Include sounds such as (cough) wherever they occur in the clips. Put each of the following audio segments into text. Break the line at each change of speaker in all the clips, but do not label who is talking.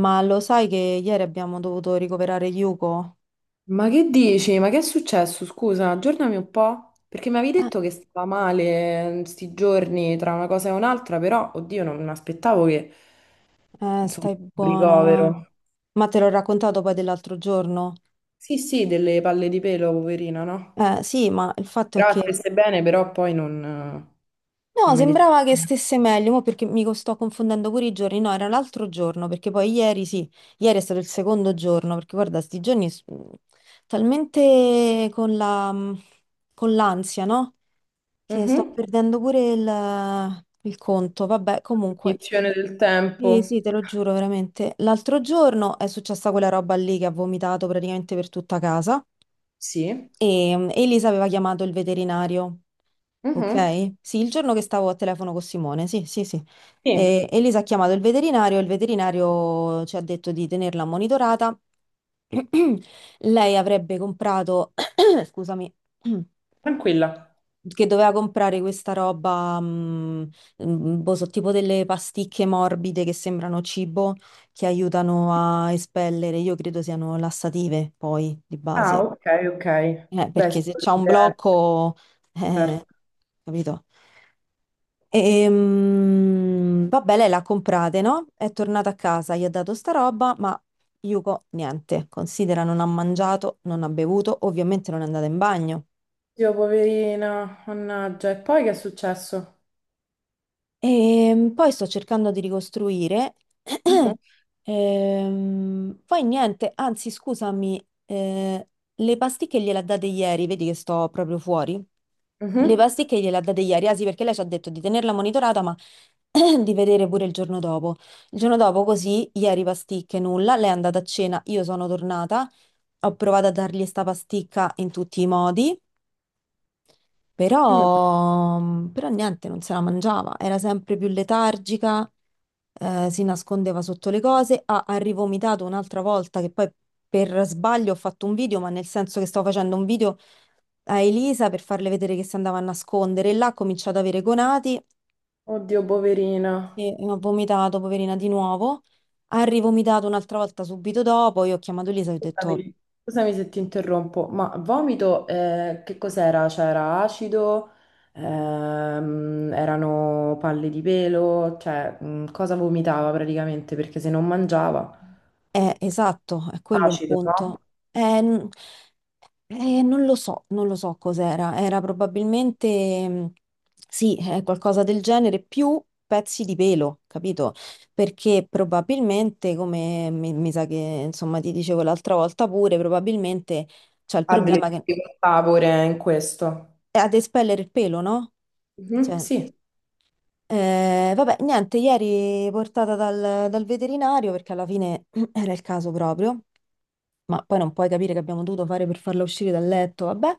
Ma lo sai che ieri abbiamo dovuto ricoverare Yuko?
Ma che dici? Ma che è successo? Scusa, aggiornami un po', perché mi avevi
Eh,
detto che stava male sti giorni tra una cosa e un'altra, però, oddio, non mi aspettavo che, insomma,
stai
un
buona, va.
ricovero.
Ma te l'ho raccontato poi dell'altro giorno?
Sì, sì, delle palle di pelo, poverina, no?
Sì, ma il fatto è
Però
che...
stesse bene, però poi non,
No,
non mi hai detto
sembrava che
niente.
stesse meglio, mo perché mi sto confondendo pure i giorni. No, era l'altro giorno, perché poi ieri, sì, ieri è stato il secondo giorno, perché guarda, sti giorni talmente con la... con l'ansia, no? Che sto
Mhm.
perdendo pure il conto. Vabbè, comunque...
Cognizione del
Sì,
tempo.
sì, te lo giuro, veramente. L'altro giorno è successa quella roba lì che ha vomitato praticamente per tutta casa
Sì.
e Elisa aveva chiamato il veterinario,
Mhm.
ok? Sì, il giorno che stavo a telefono con Simone, sì, sì, sì.
Sì,
E Elisa ha chiamato il veterinario e il veterinario ci ha detto di tenerla monitorata. (clears throat) Lei avrebbe comprato, (clears throat) scusami. (clears throat)
tranquilla.
Che doveva comprare questa roba, boh, so, tipo delle pasticche morbide che sembrano cibo, che aiutano a espellere, io credo siano lassative poi di
Ah,
base,
ok, ok. Beh,
Perché
sì,
se c'è un
potrebbe
blocco, eh,
essere.
capito? E, vabbè, lei l'ha comprate, no? È tornata a casa, gli ha dato sta roba, ma Yuko niente, considera non ha mangiato, non ha bevuto, ovviamente non è andata in bagno.
Dio, poverina, mannaggia. E poi che è successo?
E poi sto cercando di ricostruire.
Mhm,
(clears throat) Poi niente, anzi, scusami, le pasticche gliele ha date ieri, vedi che sto proprio fuori. Le
mhm,
pasticche gliele ha date ieri, ah sì, perché lei ci ha detto di tenerla monitorata, ma (clears throat) di vedere pure il giorno dopo. Il giorno dopo, così, ieri pasticche, nulla. Lei è andata a cena, io sono tornata, ho provato a dargli sta pasticca in tutti i modi.
mm.
Però niente, non se la mangiava, era sempre più letargica, si nascondeva sotto le cose, ha rivomitato un'altra volta che poi per sbaglio ho fatto un video, ma nel senso che stavo facendo un video a Elisa per farle vedere che si andava a nascondere, e là ha cominciato ad avere gonati
Oddio, poverina.
e ha vomitato, poverina, di nuovo, ha rivomitato un'altra volta subito dopo, io ho chiamato Elisa e ho detto,
Scusami, scusami se ti interrompo, ma vomito, che cos'era? C'era acido, erano palle di pelo, cioè, cosa vomitava praticamente? Perché se non mangiava,
esatto, è quello il
acido, no?
punto. Eh, eh, non lo so, non lo so cos'era. Era probabilmente, sì, qualcosa del genere, più pezzi di pelo, capito? Perché probabilmente, come mi sa che insomma ti dicevo l'altra volta pure, probabilmente c'è il
Ha delle
problema che
difficoltà pure in questo.
è ad espellere il pelo, no?
Mhm,
Cioè,
sì.
vabbè, niente, ieri portata dal, veterinario perché alla fine (clears throat) era il caso proprio. Ma poi non puoi capire che abbiamo dovuto fare per farla uscire dal letto, vabbè,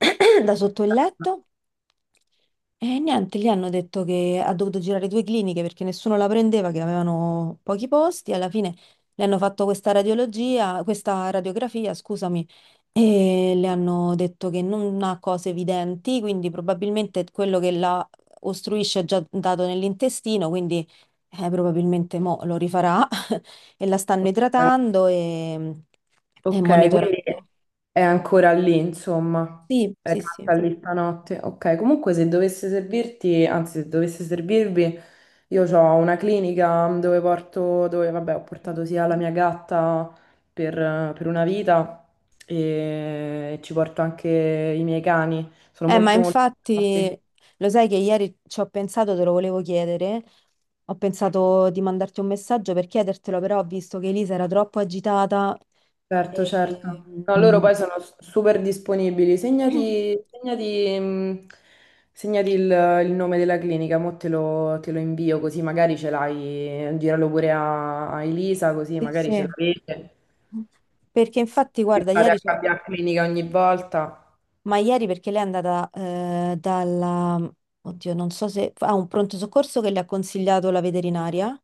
(clears throat) da sotto il letto. E niente, gli hanno detto che ha dovuto girare due cliniche perché nessuno la prendeva, che avevano pochi posti. Alla fine le hanno fatto questa radiologia, questa radiografia, scusami, e le hanno detto che non ha cose evidenti, quindi probabilmente quello che la ostruisce è già dato nell'intestino, quindi probabilmente mo lo rifarà e la stanno
Ok,
idratando e
ok,
monitorando.
quindi è ancora lì, insomma.
Sì,
È
sì,
rimasta
sì.
lì stanotte. Ok, comunque se dovesse servirti, anzi se dovesse servirvi, io ho una clinica dove porto, dove vabbè ho portato sia la mia gatta per, per una vita e ci porto anche i miei cani. Sono
Ma
molto molto...
infatti, lo sai che ieri ci ho pensato, te lo volevo chiedere. Ho pensato di mandarti un messaggio per chiedertelo, però ho visto che Elisa era troppo agitata.
Certo,
E...
certo. No, loro
mm,
poi sono super disponibili. Segnati,
(clears throat)
segnati, segnati il nome della clinica, mo te lo invio così magari ce l'hai, giralo pure a, a Elisa così
Sì,
magari ce
sì.
l'avete,
Perché infatti,
che
guarda,
fate
ieri
a cambiare clinica ogni volta.
ma ieri perché lei è andata dalla... Oddio, non so se... a un pronto soccorso che le ha consigliato la veterinaria.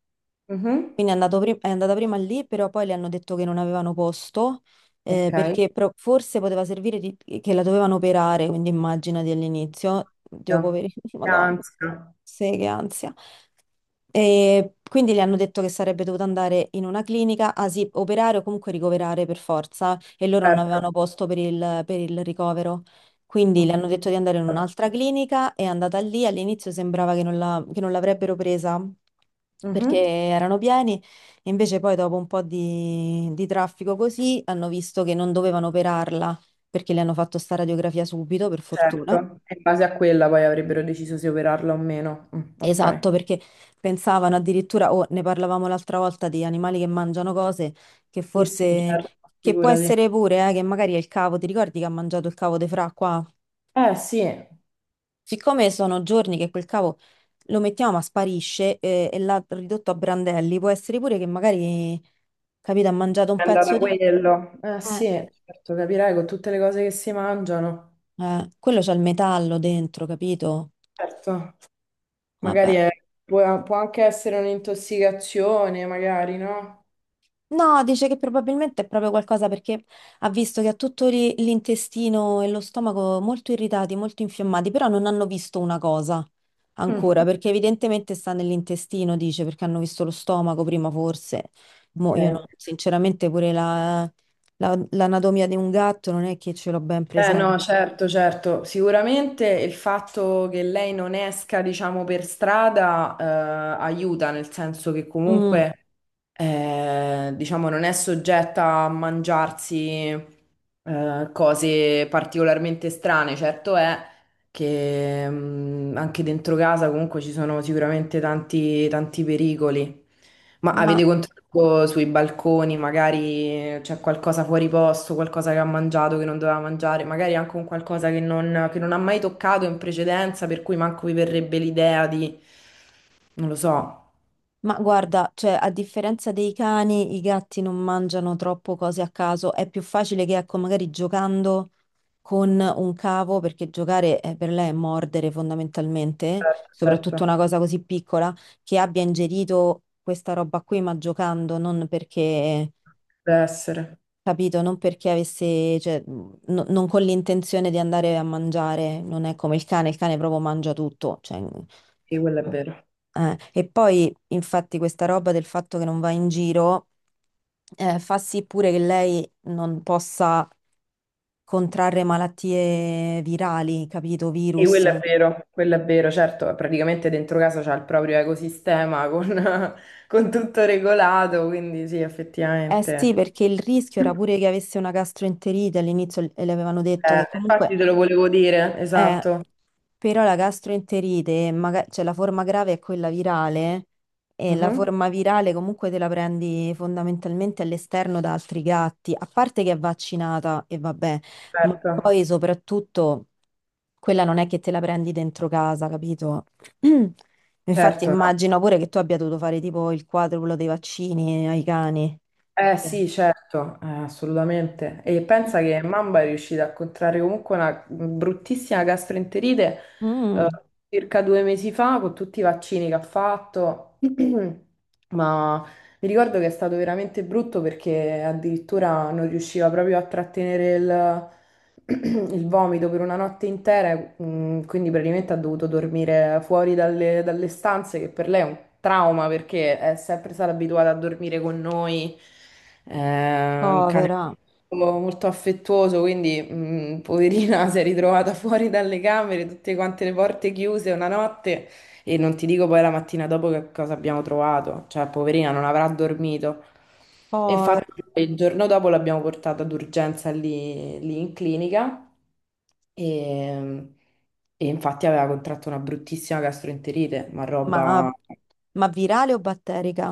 Mhm.
Quindi è andata prima lì, però poi le hanno detto che non avevano posto,
Ok.
perché forse poteva servire che la dovevano operare, quindi immaginati all'inizio, Dio
Io.
poveri, (laughs) Madonna.
Ansia,
Sì, che ansia. E quindi le hanno detto che sarebbe dovuta andare in una clinica, ah sì, operare o comunque ricoverare per forza, e loro non
certo.
avevano posto per il, ricovero. Quindi le
Ok.
hanno detto di andare in un'altra clinica, è andata lì, all'inizio sembrava che non che non l'avrebbero presa perché
Mhm.
erano pieni, e invece poi dopo un po' di traffico così hanno visto che non dovevano operarla perché le hanno fatto sta radiografia subito, per fortuna.
Certo, e in base a quella poi avrebbero deciso se operarla o meno. Mm,
Esatto,
ok.
perché pensavano addirittura, o ne parlavamo l'altra volta, di animali che mangiano cose che
Sì, sì,
forse,
certo,
che può
figurati.
essere pure, che magari è il cavo, ti ricordi che ha mangiato il cavo di Fra qua?
Eh sì, eh,
Siccome sono giorni che quel cavo lo mettiamo ma sparisce e l'ha ridotto a brandelli, può essere pure che magari, capito, ha mangiato
è
un
andata
pezzo di...
quello. Sì,
Eh,
certo, capirai con tutte le cose che si mangiano.
quello c'ha il metallo dentro, capito?
Certo,
Vabbè.
magari è- può, può anche essere un'intossicazione, magari, no?
No, dice che probabilmente è proprio qualcosa perché ha visto che ha tutto lì l'intestino e lo stomaco molto irritati, molto infiammati, però non hanno visto una cosa
Mm,
ancora,
ok,
perché evidentemente sta nell'intestino, dice, perché hanno visto lo stomaco prima forse. Mo' io no,
ok.
sinceramente pure l'anatomia di un gatto non è che ce l'ho ben
Eh no,
presente.
certo, certo. Sicuramente il fatto che lei non esca, diciamo, per strada, aiuta, nel senso che
Mm,
comunque, diciamo, non è soggetta a mangiarsi cose particolarmente strane. Certo è che anche dentro casa comunque ci sono sicuramente tanti, tanti pericoli. Ma avete
ma
sì, controllo sui balconi, magari c'è qualcosa fuori posto, qualcosa che ha mangiato che non doveva mangiare, magari anche un qualcosa che non ha mai toccato in precedenza, per cui manco vi verrebbe l'idea di... Non lo so.
Ma guarda, cioè, a differenza dei cani, i gatti non mangiano troppo cose a caso. È più facile che, ecco, magari giocando con un cavo, perché giocare per lei è mordere fondamentalmente,
Certo,
soprattutto
certo,
una cosa così piccola, che abbia ingerito questa roba qui, ma giocando, non perché,
deve essere.
capito, non perché avesse, cioè, non con l'intenzione di andare a mangiare. Non è come il cane proprio mangia tutto, cioè.
Sì, quello è vero.
E poi, infatti, questa roba del fatto che non va in giro fa sì pure che lei non possa contrarre malattie virali, capito?
Sì,
Virus.
quello è vero, certo, praticamente dentro casa c'è il proprio ecosistema con, (laughs) con tutto regolato, quindi sì,
Eh sì,
effettivamente.
perché il rischio era pure che avesse una gastroenterite all'inizio e le avevano detto che comunque.
Infatti te lo volevo dire,
Eh,
esatto.
però la gastroenterite, cioè la forma grave è quella virale e la
Mhm,
forma virale comunque te la prendi fondamentalmente all'esterno da altri gatti, a parte che è vaccinata e vabbè, ma
certo,
poi soprattutto quella non è che te la prendi dentro casa, capito? (clears throat) Infatti
certo, no.
immagino pure che tu abbia dovuto fare tipo il quadruplo dei vaccini ai cani.
Eh
Sì.
sì, certo, assolutamente. E pensa che Mamba è riuscita a contrarre comunque una bruttissima gastroenterite eh,
Mm,
circa 2 mesi fa con tutti i vaccini che ha fatto, (clears throat) ma mi ricordo che è stato veramente brutto perché addirittura non riusciva proprio a trattenere il, (clears throat) il vomito per una notte intera, quindi praticamente ha dovuto dormire fuori dalle, dalle stanze, che per lei è un trauma perché è sempre stata abituata a dormire con noi, è un cane
povera,
molto molto affettuoso, quindi poverina (laughs) si è ritrovata fuori dalle camere, tutte quante le porte chiuse una notte. E non ti dico poi la mattina dopo che cosa abbiamo trovato, cioè poverina non avrà dormito. E
povera.
infatti il giorno dopo l'abbiamo portata d'urgenza lì, lì in clinica e, e infatti aveva contratto una bruttissima gastroenterite, ma
Ma,
roba...
ma, virale o batterica?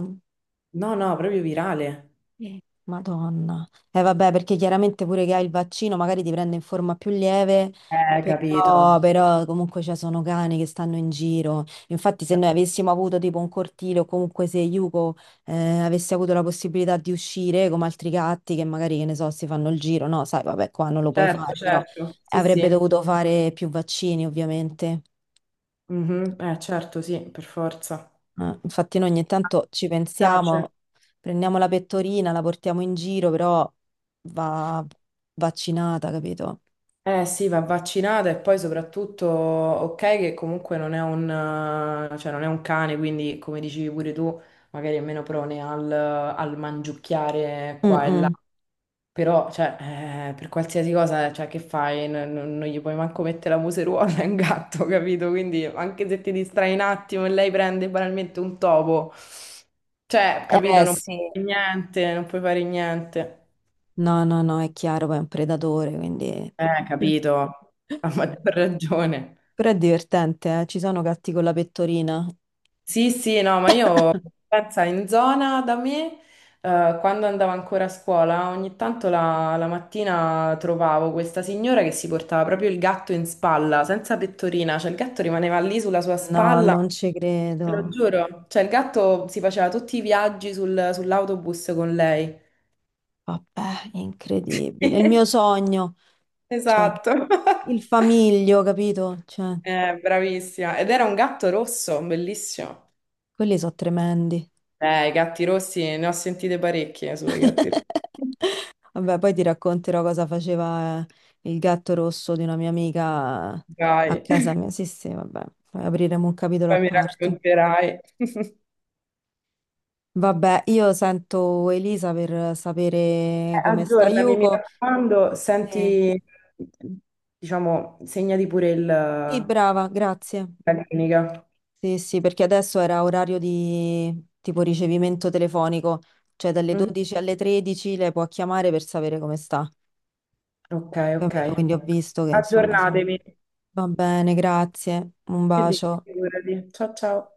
No, no, proprio virale.
Eh. Madonna. Eh vabbè, perché chiaramente pure che hai il vaccino magari ti prende in forma più lieve, però,
Capito.
però comunque ci sono cani che stanno in giro. Infatti se noi avessimo avuto tipo un cortile o comunque se Yuko avesse avuto la possibilità di uscire come altri gatti che magari, che ne so, si fanno il giro, no, sai, vabbè, qua non lo puoi
Certo,
fare, però
certo. Sì,
avrebbe
sì.
dovuto fare più vaccini ovviamente.
Mhm. Certo, sì, per forza.
Infatti noi ogni tanto ci
Tace.
pensiamo, prendiamo la pettorina, la portiamo in giro, però va vaccinata, capito?
Eh sì, va vaccinata e poi soprattutto, ok, che comunque non è un, cioè non è un cane, quindi come dicevi pure tu, magari è meno prone al, al mangiucchiare qua e là,
Mm-mm.
però cioè, per qualsiasi cosa cioè, che fai, non, non gli puoi manco mettere la museruola, è un gatto, (laughs) capito? Quindi anche se ti distrai un attimo e lei prende banalmente un topo, cioè, capito,
Eh
non puoi
sì,
fare niente, non puoi fare niente.
no, no, no, è chiaro, poi è un predatore, quindi... Eh.
Capito, a maggior ragione.
Però è divertente, eh? Ci sono gatti con la pettorina?
Sì, sì, no, ma io pensa in zona da me, quando andavo ancora a scuola, ogni tanto la, la mattina trovavo questa signora che si portava proprio il gatto in spalla, senza pettorina, cioè il gatto rimaneva lì sulla sua
No,
spalla,
non ci credo.
te lo giuro, cioè il gatto si faceva tutti i viaggi sull'autobus con lei.
Vabbè, incredibile. È il mio
(laughs)
sogno, cioè,
Esatto. (laughs)
il famiglio, capito? Cioè,
Bravissima. Ed era un gatto rosso, bellissimo.
quelli sono tremendi.
I gatti rossi, ne ho sentite parecchie sui gatti rossi.
(laughs) Vabbè, poi ti racconterò cosa faceva il gatto rosso di una mia amica a
Dai.
casa mia. Sì, sì, vabbè, poi apriremo un capitolo a
Poi mi
parte.
racconterai. (laughs)
Vabbè, io sento Elisa per sapere come sta
Aggiornami, mi
Yuko.
raccomando,
Eh,
senti, diciamo, segnati pure il,
sì,
la
brava, grazie.
clinica.
Sì, sì, perché adesso era orario di tipo ricevimento telefonico, cioè dalle
Mhm.
12 alle 13 lei può chiamare per sapere come sta.
Ok, ok.
Capito? Quindi ho visto che insomma siamo...
Aggiornatemi.
Va bene, grazie. Un
E dite,
bacio.
figurati. Ciao, ciao.